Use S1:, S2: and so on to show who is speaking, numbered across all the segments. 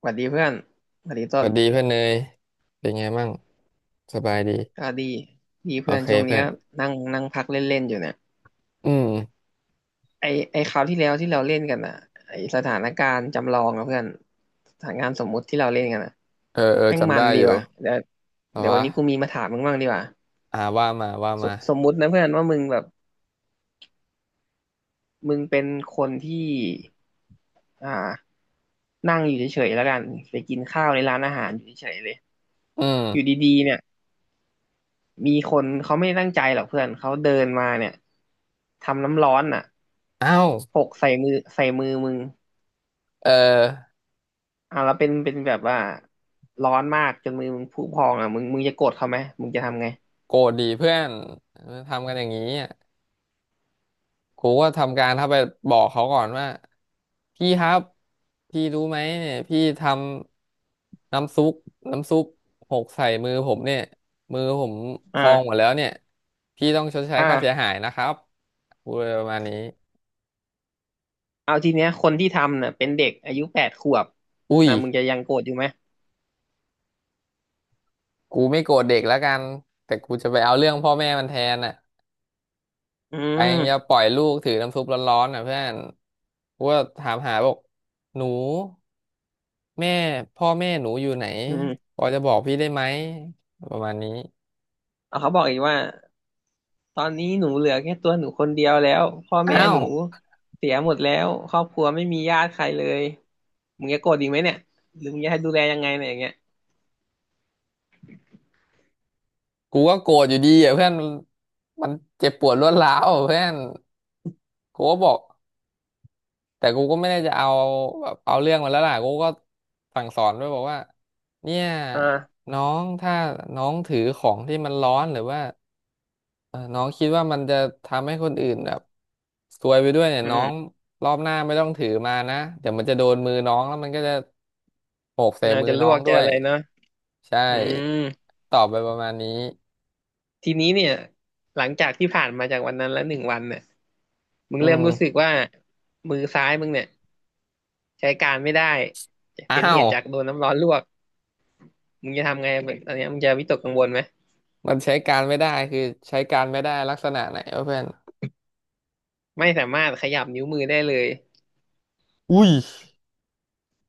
S1: สวัสดีเพื่อนสวัสดี
S2: ส
S1: ต้น
S2: วัสดีเพื่อนเนยเป็นไงมั่งสบายดี
S1: ก็ดีดี
S2: โอ
S1: เพื่อน
S2: เค
S1: ช่วงนี้
S2: เพื่อน
S1: ก็นั่งนั่งพักเล่นๆอยู่เนี่ย
S2: อืม
S1: ไอไอคราวที่แล้วที่เราเล่นกันอ่ะไอสถานการณ์จำลองนะเพื่อนสถานการณ์สมมุติที่เราเล่นกันอ่ะ
S2: เออเออ
S1: แม่ง
S2: จำ
S1: มั
S2: ได้
S1: นดี
S2: อยู่
S1: ว่ะเดี๋ยว
S2: แต่
S1: เดี๋ยววั
S2: ว่า
S1: นนี้กูมีมาถามมึงบ้างดีกว่า
S2: อ่าว่ามาว่า
S1: ส
S2: มา
S1: สมมุตินะเพื่อนว่ามึงแบบมึงเป็นคนที่อ่านั่งอยู่เฉยๆแล้วกันไปกินข้าวในร้านอาหารอยู่เฉยๆเลย
S2: อื
S1: อยู่
S2: ม
S1: ดีๆเนี่ย มีคนเขาไม่ได้ตั้งใจหรอกเพื่อนเขาเดินมาเนี่ยทำน้ำร้อนอ่ะ
S2: อ้าว
S1: หกใส่มือมึง
S2: เออ
S1: อ่ะแล้วเป็นแบบว่าร้อนมากจนมือมึงพุพองอ่ะมึงจะโกรธเขาไหมมึงจะทำไง
S2: โกรธดีเพื่อนทำกันอย่างนี้อ่ะกูก็ทำการถ้าไปบอกเขาก่อนว่าพี่ครับพี่รู้ไหมเนี่ยพี่ทำน้ำซุปน้ำซุปหกใส่มือผมเนี่ยมือผมพองหม
S1: อ่า
S2: ดแล้วเนี่ย พี่ต้องชดใช้ค่าเสีย
S1: อ่า
S2: หายนะครับพูดไปประมาณนี้
S1: เอาทีเนี้ยคนที่ทำเนี่ยเป็นเด็กอายุแปดขวบ
S2: อุ้ย
S1: นะมึงจะยังโกรธอยู่ไหม
S2: กูไม่โกรธเด็กแล้วกันแต่กูจะไปเอาเรื่องพ่อแม่มันแทนอ่ะ
S1: อื
S2: ไปยังจะ
S1: ม
S2: ปล่อยลูกถือน้ำซุปร้อนๆอ่ะเพื่อนกูก็ถามหาบอกหนูแม่พ่อแม่หนูอยู่ไหน
S1: อืม
S2: พอจะบอกพี่ได้ไหมประมาณนี้
S1: เอาเขาบอกอีกว่า ตอนนี้หนูเหลือแค่ตัวหนูคนเดียวแล้วพ่อ
S2: อ้า
S1: แม่ห
S2: ว
S1: นูเสียหมดแล้วครอบครัวไม่มีญาติใครเลยมึงจะโกรธอีกไหมเนี่ยหรือมึงจะให้ดูแลยังไงเนี่ยอย่างเงี้ย
S2: กูก็โกรธอยู่ดีอ่ะเพื่อนมันเจ็บปวดรวดร้าวอ่ะเพื่อนกูก็บอก แต่กูก็ไม่ได้จะเอาแบบเอาเรื่องมันแล้วล่ะกูก็สั่งสอนด้วยบอกว่าเนี่ย
S1: อ่า
S2: น้องถ้าน้องถือของที่มันร้อนหรือว่าน้องคิดว่ามันจะทำให้คนอื่นแบบซวยไปด้วยเนี่ย
S1: อื
S2: น้อ
S1: ม
S2: งรอบหน้าไม่ต้องถือมานะเดี๋ยวมันจะโดนมือน้องแล้วมันก็จะโขกใส่
S1: เราน
S2: มื
S1: จะ
S2: อ
S1: ล
S2: น้อ
S1: ว
S2: ง
S1: กจะ
S2: ด้ว
S1: อะ
S2: ย
S1: ไรเนาะ
S2: ใช
S1: อื
S2: ่
S1: ม
S2: ตอบไปประมาณนี้
S1: ทีนี้เนี่ยหลังจากที่ผ่านมาจากวันนั้นแล้วหนึ่งวันเนี่ยมึง
S2: อื
S1: เริ่มรู้สึก
S2: ม
S1: ว่ามือซ้ายมึงเนี่ยใช้การไม่ได้
S2: อ้า
S1: เป็นเห
S2: ว
S1: ตุจากโดนน้ำร้อนลวกมึงจะทำไงตอนเนี้ยมึงจะวิตกกังวลไหม
S2: มันใช้การไม่ได้คือใช้การไม่ได้ลักษณะไหนวะเพื่อน
S1: ไม่สามารถขยับนิ้วมือได้เลย
S2: อุ้ย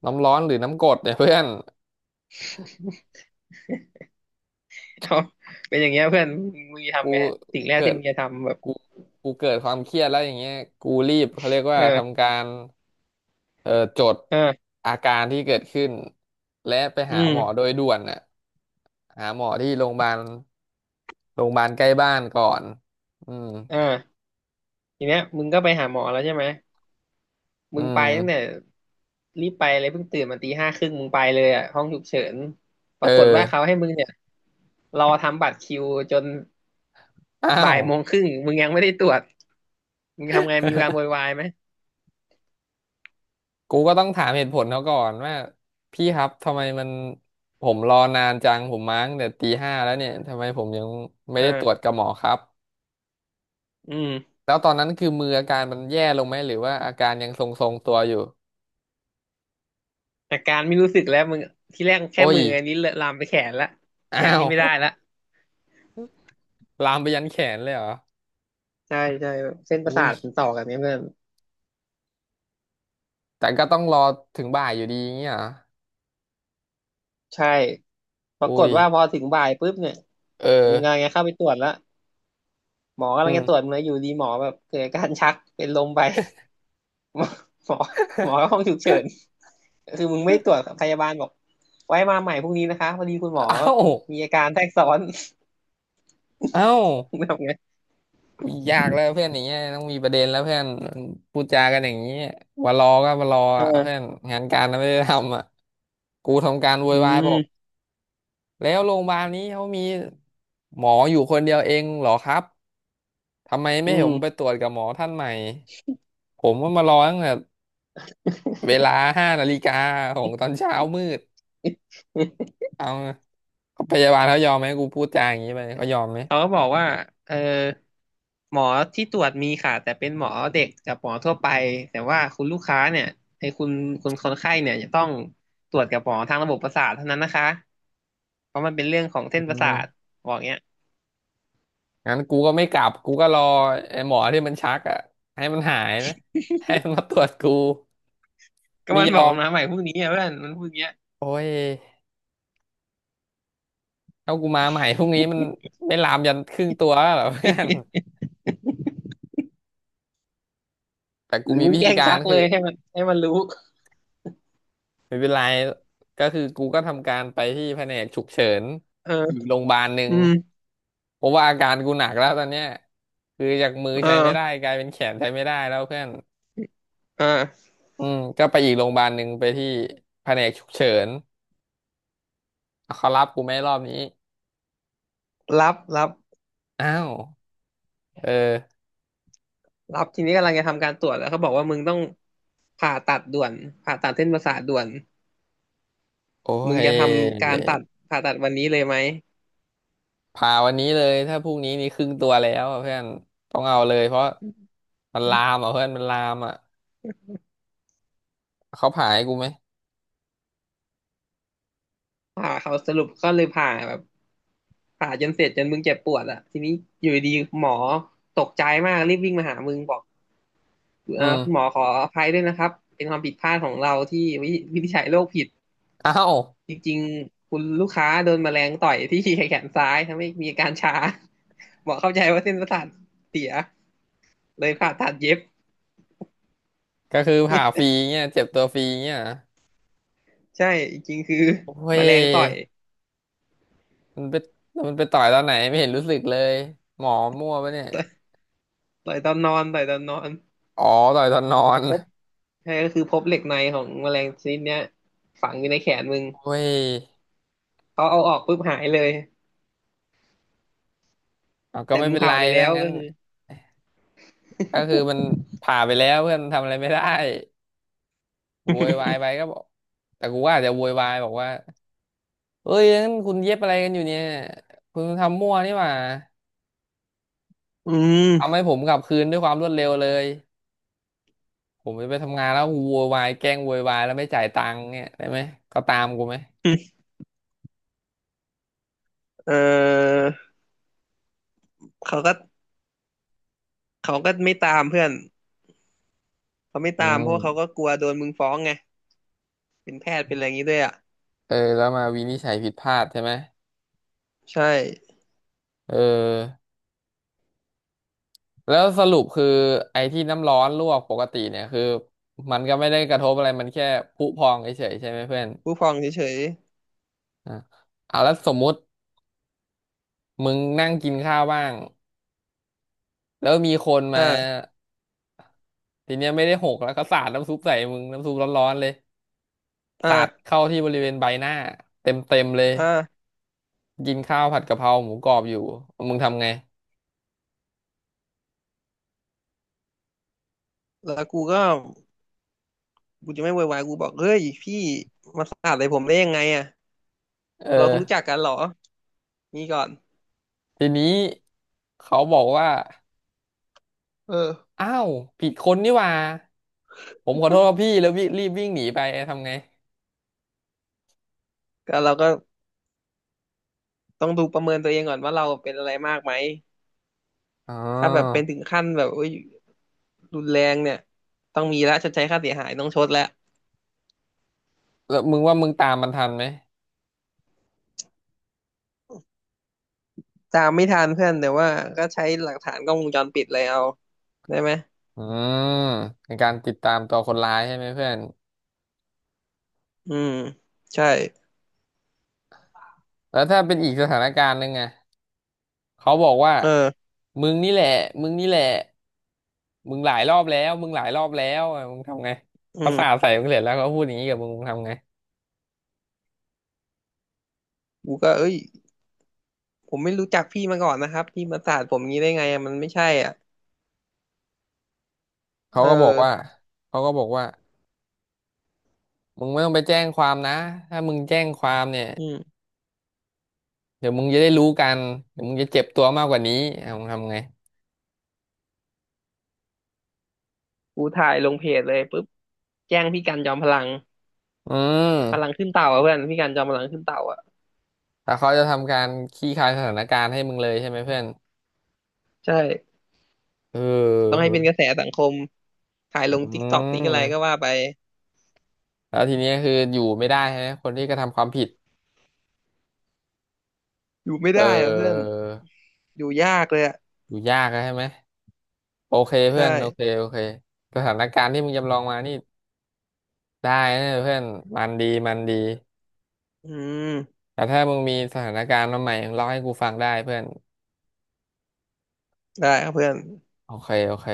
S2: น้ำร้อนหรือน้ำกรดเนี่ยเพื่อน
S1: เอาเป็นอย่างเงี้ยเพื่อนมึงจะ
S2: กู
S1: ทำไงสิ่งแรก
S2: เกิ
S1: ที่
S2: ด
S1: มึงจะทำแบบ
S2: กูกูเกิดความเครียดแล้วอย่างเงี้ยกูรีบเขาเรียกว่า
S1: เออ
S2: ทำการเอ่อจด
S1: เออ
S2: อาการที่เกิดขึ้นและไป
S1: อื
S2: หาหมอ
S1: ม
S2: โดยด่วนน่ะหาหมอที่โรงพยาบาลโรงพยาบาลใกล้บ้านก่อนอืม
S1: เออทีเนี้ยมึงก็ไปหาหมอแล้วใช่ไหม
S2: อื
S1: มึงไป
S2: ม
S1: ตั้งแต่รีบไปเลยเพิ่งตื่นมาตีห้าครึ่งมึงไปเลยอ่ะห้องฉุกเฉินป
S2: เอ
S1: รากฏว่าเขา
S2: อ
S1: ให้มึงเนี่ยรอทำบัตรคิวจน
S2: อ้า
S1: บ่า
S2: ว
S1: ยโมงครึ่งมึงยังไม่ได้ตรวจมึงทำไงมีการโวยวายไหม
S2: กูก็ต้องถามเหตุผลเขาก่อนว่าพี่ครับทำไมมันผมรอนานจังผมมาตั้งแต่ตีห้าแล้วเนี่ยทำไมผมยังไม่
S1: เอ
S2: ได้ตรวจ
S1: อ
S2: กับหมอครับ
S1: อืม
S2: แล้วตอนนั้นคือมืออาการมันแย่ลงไหมหรือว่าอาการยังทรงๆตัวอยู่
S1: อาการไม่รู้สึกแล้วมึงที่แรกแค่
S2: โอ้ย
S1: มืออันนี้เลอะลามไปแขนละแข
S2: อ้า
S1: นนี่
S2: ว
S1: ไม่ได้ละ
S2: ลามไปยันแขนเลยเหรอ
S1: ใช่ใช่แบบเส้นประ
S2: อุ้
S1: สา
S2: ย
S1: ทมันต่อกันเนี่ยเพื่อน
S2: แต่ก็ต้องรอถึงบ่ายอยู่ดีอย่างเงี้ยเหรอ
S1: ใช่ ปราก
S2: อุ้
S1: ฏ
S2: ย
S1: ว่าพอถึงบ่ายปุ๊บเนี่ย
S2: เออ
S1: มึงกำลังจะเข้าไปตรวจแล้วหมอกำ
S2: อื
S1: ลัง
S2: ม
S1: จะตรวจมึงแล้วอยู่ดีหมอแบบเกิดอาการชักเป็นลมไป หมอหมอหมอห้องฉุกเฉินคือมึงไม่ตรวจพยาบาลบอกไว้มาใหม่พรุ่งนี้นะคะพอดีคุณ หมอ
S2: เอ้า
S1: มีอาการแทรกซ้อน
S2: เอ้า
S1: มึงทำไง
S2: อยากแล้วเพื่อนอย่างเงี้ยต้องมีประเด็นแล้วเพื่อนพูดจากันอย่างเงี้ยว่ารอก็มารอ
S1: เอ
S2: อ่ะ
S1: อ
S2: เพื่อนงานการไม่ได้ทำอ่ะกูทำการโว
S1: อื
S2: ยวายบอก
S1: ม
S2: แล้วโรงพยาบาลนี้เขามีหมออยู่คนเดียวเองเหรอครับ ทำไม
S1: อื
S2: ไม่เห็นผ
S1: ม
S2: มไปตรวจกับหมอท่านใหม่ ผมว่ามารอตั้งแต่เวลาห้านาฬิกาของตอนเช้ามืดเอาพยาบาลเขายอมไหมกูพูดจาอย่างนี้ไปเขายอมไหม
S1: เขาก็บอกว่าเออหมอที่ตรวจมีค่ะแต่เป็นหมอเด็กกับหมอทั่วไปแต่ว่าคุณลูกค้าเนี่ยไอ้คุณคุณคนไข้เนี่ยจะต้องตรวจกับหมอทางระบบประสาทเท่านั้นนะคะเพราะมันเป็นเรื่องของ
S2: อื
S1: เส้นประสาท
S2: ม
S1: บอกเงี้ย
S2: งั้นกูก็ไม่กลับกูก็รอไอ้หมอที่มันชักอ่ะให้มันหายนะให้มันมาตรวจกู
S1: ก็
S2: ไม่
S1: มัน
S2: ย
S1: บอก
S2: อม
S1: มันมาใหม่พรุ่งนี้อ่ะเพื่อนมันพูดอย่างเงี้ย
S2: โอ้ยถ้ากูมาใหม่พรุ่งนี้มันไม่ลามยันครึ่งตัวแล้วเหรอ เพื่อนแต่
S1: ห
S2: กู
S1: รือ
S2: มี
S1: มึง
S2: วิ
S1: แกล้
S2: ธี
S1: ง
S2: กา
S1: ชั
S2: ร
S1: กเล
S2: คือ
S1: ยให้มันรู้
S2: ไม่เป็นไรก็คือกูก็ทำการไปที่แผนกฉุกเฉิน
S1: เออ
S2: อีกโรงพยาบาลหนึ่
S1: อื
S2: ง
S1: ม
S2: เพราะว่าอาการกูหนักแล้วตอนเนี้ยคือจากมือ
S1: เออ
S2: ใช้ไม่ได้กลายเป็นแขนใช้ไม่ได้แล้วเพื่อน
S1: เออ
S2: อืมก็ไปอีกโรงพยาบาลหนึ่งไปที่แผนกฉุกเฉินเขารับกูไหม่รอบนี้
S1: รับ
S2: อ้าวเออ
S1: รับทีนี้กำลังจะทำการตรวจแล้วเขาบอกว่ามึงต้องผ่าตัดด่วนผ่าตัดเส้นประสาทด่วน
S2: โอ้
S1: มึง
S2: ย
S1: จะทำการตัดผ่าตัดวันนี้เลยไหม
S2: พาวันนี้เลยถ้าพรุ่งนี้นี่ครึ่งตัวแล้วอะเพื่อนต้องเอาเลยเพราะมันลามอ่ะเพื่อนมันลามอ่ะเขาผ่าให้กูไหม
S1: ผ่าเขาสรุปก็เลยผ่าแบบผ่าจนเสร็จจนมึงเจ็บปวดอะทีนี้อยู่ดีหมอตกใจมากรีบวิ่งมาหามึงบอก
S2: อื
S1: คุณหมอ
S2: ม
S1: ขออภัยด้วยนะครับเป็นความผิดพลาดของเราที่วิวินิจฉัยโรคผิด
S2: อ้าว
S1: จริงๆคุณลูกค้าโดนแมลงต่อยที่แขนซ้ายทำให้มีอาการชาหม อเข้าใจว่าเส้นประสาทเสียเลยผ่าตัดเย็บ
S2: ก็คือผ่าฟรีเงี้ยเจ็บตัวฟรีเงี้ยเหรอ
S1: ใช่จริงๆคือ
S2: โอ้
S1: แมลงต่อย
S2: ยมันไปมันไปต่อยตอนไหนไม่เห็นรู้สึกเลยหมอมั่วปะเนี่ย
S1: ต่อยต่อยตอนนอนต่อยตอนนอน
S2: อ๋อต่อยตอนนอน
S1: พบ ใช่ก็คือพบเหล็กในของแมลงชนิดเนี้ยฝังอยู่ในแขนมึง
S2: โอ้ย
S1: เขาเอาออกปุ๊บหายเลย
S2: เอาก็
S1: แต่
S2: ไม่
S1: มึง
S2: เป็นไร
S1: ผ่าไปแล้
S2: ถ้า
S1: ว
S2: งั้
S1: ก็
S2: น
S1: คือ
S2: ก็คือมันผ่าไปแล้วเพื่อนทำอะไรไม่ได้โวยวายไป ก็บอกแต่กูว่าอาจจะโวยวายบอกว่าเอ้ยงั้นคุณเย็บอะไรกันอยู่เนี่ยคุณทำมั่วนี่หว่า
S1: อื
S2: เอา
S1: ม
S2: ให้ผมกลับคืนด้วยความรวดเร็วเลยผมจะไปทำงานแล้วกูโวยวายแกล้งโวยวายแล้วไม่จ่ายตังค์เนี่ยได้ไหมเขาตามกูไหม
S1: เออเขาก็เขาก็ไม่ตามเพื่อนเขาไม่
S2: อื
S1: ตามเพราะว่าเขาก็
S2: ม
S1: กลัวโดนมึงฟ้องไงเป็นแพทย์เป็นอะไรอย่างนี้ด้วยอ่ะ
S2: เออแล้วมาวินิจฉัยผิดพลาดใช่ไหม
S1: ใช่
S2: เออแล้วสรุปคือไอ้ที่น้ำร้อนลวกปกติเนี่ยคือมันก็ไม่ได้กระทบอะไรมันแค่พุพองเฉยๆใช่ไหมเพื่อน
S1: ผู้ฟ้องเฉย
S2: อ่ะเอาแล้วสมมุติมึงนั่งกินข้าวบ้างแล้วมีคน
S1: ๆ
S2: มาทีเนี้ยไม่ได้หกแล้วก็สาดน้ำซุปใส่มึงน้ำซุปร้อนๆเลยสาด
S1: อ่า
S2: เข้าที่บริเวณใบหน้าเต็มๆเลย
S1: อ่า
S2: กินข้าวผัดกะเพราหมูกรอบอยู่มึงทำไง
S1: แล้วกูจะไม่โวยวายกูบอกเฮ้ยพี่มาสาดใส่ผมได้ยังไงอ่ะ
S2: เออ
S1: เราเขารู้จักกันเหรอนี่ก่อน
S2: ทีนี้เขาบอกว่า
S1: เออ
S2: อ้าวผิดคนนี่หว่า ผมขอโทษครับพี่แล้วพี่รีบวิ่งหนีไปทำไง
S1: เราก็ ต้องดูประเมินตัวเองก่อนว่าเราเป็นอะไรมากไหม
S2: อ๋
S1: ถ้าแบบเป็น
S2: อ
S1: ถึงขั้นแบบโอ้ยรุนแรงเนี่ยต้องมีละชดใช้ค่าเสียหายต้องชดแล้ว
S2: แล้วมึงว่ามึงตามมันทันไหม
S1: ตามไม่ทันเพื่อนแต่ว่าก็ใช้หลักฐานกล้องวงจรปิดเลยเอาได้ไหม
S2: อืมเป็นการติดตามตัวคนร้ายใช่ไหมเพื่อน
S1: อืมใช่
S2: แล้วถ้าเป็นอีกสถานการณ์หนึงอะเขาบอกว่า
S1: เออ
S2: มึงนี่แหละมึงนี่แหละมึงหลายรอบแล้วมึงหลายรอบแล้วอะมึงทำไง
S1: อื
S2: เขาสาด
S1: ม
S2: ใส่มึงเสร็จแล้วเขาพูดอย่างนี้กับมึงมึงทำไง
S1: กูก็เอ้ยผมไม่รู้จักพี่มาก่อนนะครับพี่มาสาดผมงี้ได้ไงอะมันไม่ใช่อ่ะ
S2: เขา
S1: เอ
S2: ก็บอกว่า
S1: อ
S2: เขาก็บอกว่ามึงไม่ต้องไปแจ้งความนะถ้ามึงแจ้งความเนี่ย
S1: อืม
S2: เดี๋ยวมึงจะได้รู้กันเดี๋ยวมึงจะเจ็บตัวมากกว่านี้อ่ะมึงทำไง
S1: กูถ่ายลงเพจเลยปุ๊บแจ้งพี่กันจอมพลัง
S2: อืม
S1: พลังขึ้นเต่าอะเพื่อนพี่กันจอมพลังขึ้นเต่าอ่ะ
S2: แต่เขาจะทำการคลี่คลายสถานการณ์ให้มึงเลยใช่ไหมเพื่อน
S1: ใช่
S2: เออ
S1: ต้องให้
S2: เฮ้
S1: เป็
S2: ย
S1: นกระแสสังคม ถ่าย
S2: อื
S1: ลงติ๊กต็อกติ๊กอะไรก็
S2: ม
S1: ว่าไป
S2: แล้วทีนี้คืออยู่ไม่ได้ใช่ไหม คนที่กระทำความผิด
S1: อยู่ไม่
S2: เ
S1: ได้อะเพื่อน
S2: ออ
S1: อยู่ยากเลยอะ
S2: อยู่ยากอะใช่ไหมโอเคเพื่
S1: ใช่
S2: อนโอเคโอเคสถานการณ์ที่มึงจำลองมานี่ได้นะเพื่อนมันดี มันดี
S1: อืม
S2: แต่ถ้ามึงมีสถานการณ์มาใหม่มึงเล่าให้กูฟังได้เพื่อน
S1: ได้ครับเพื่อน
S2: โอเคโอเค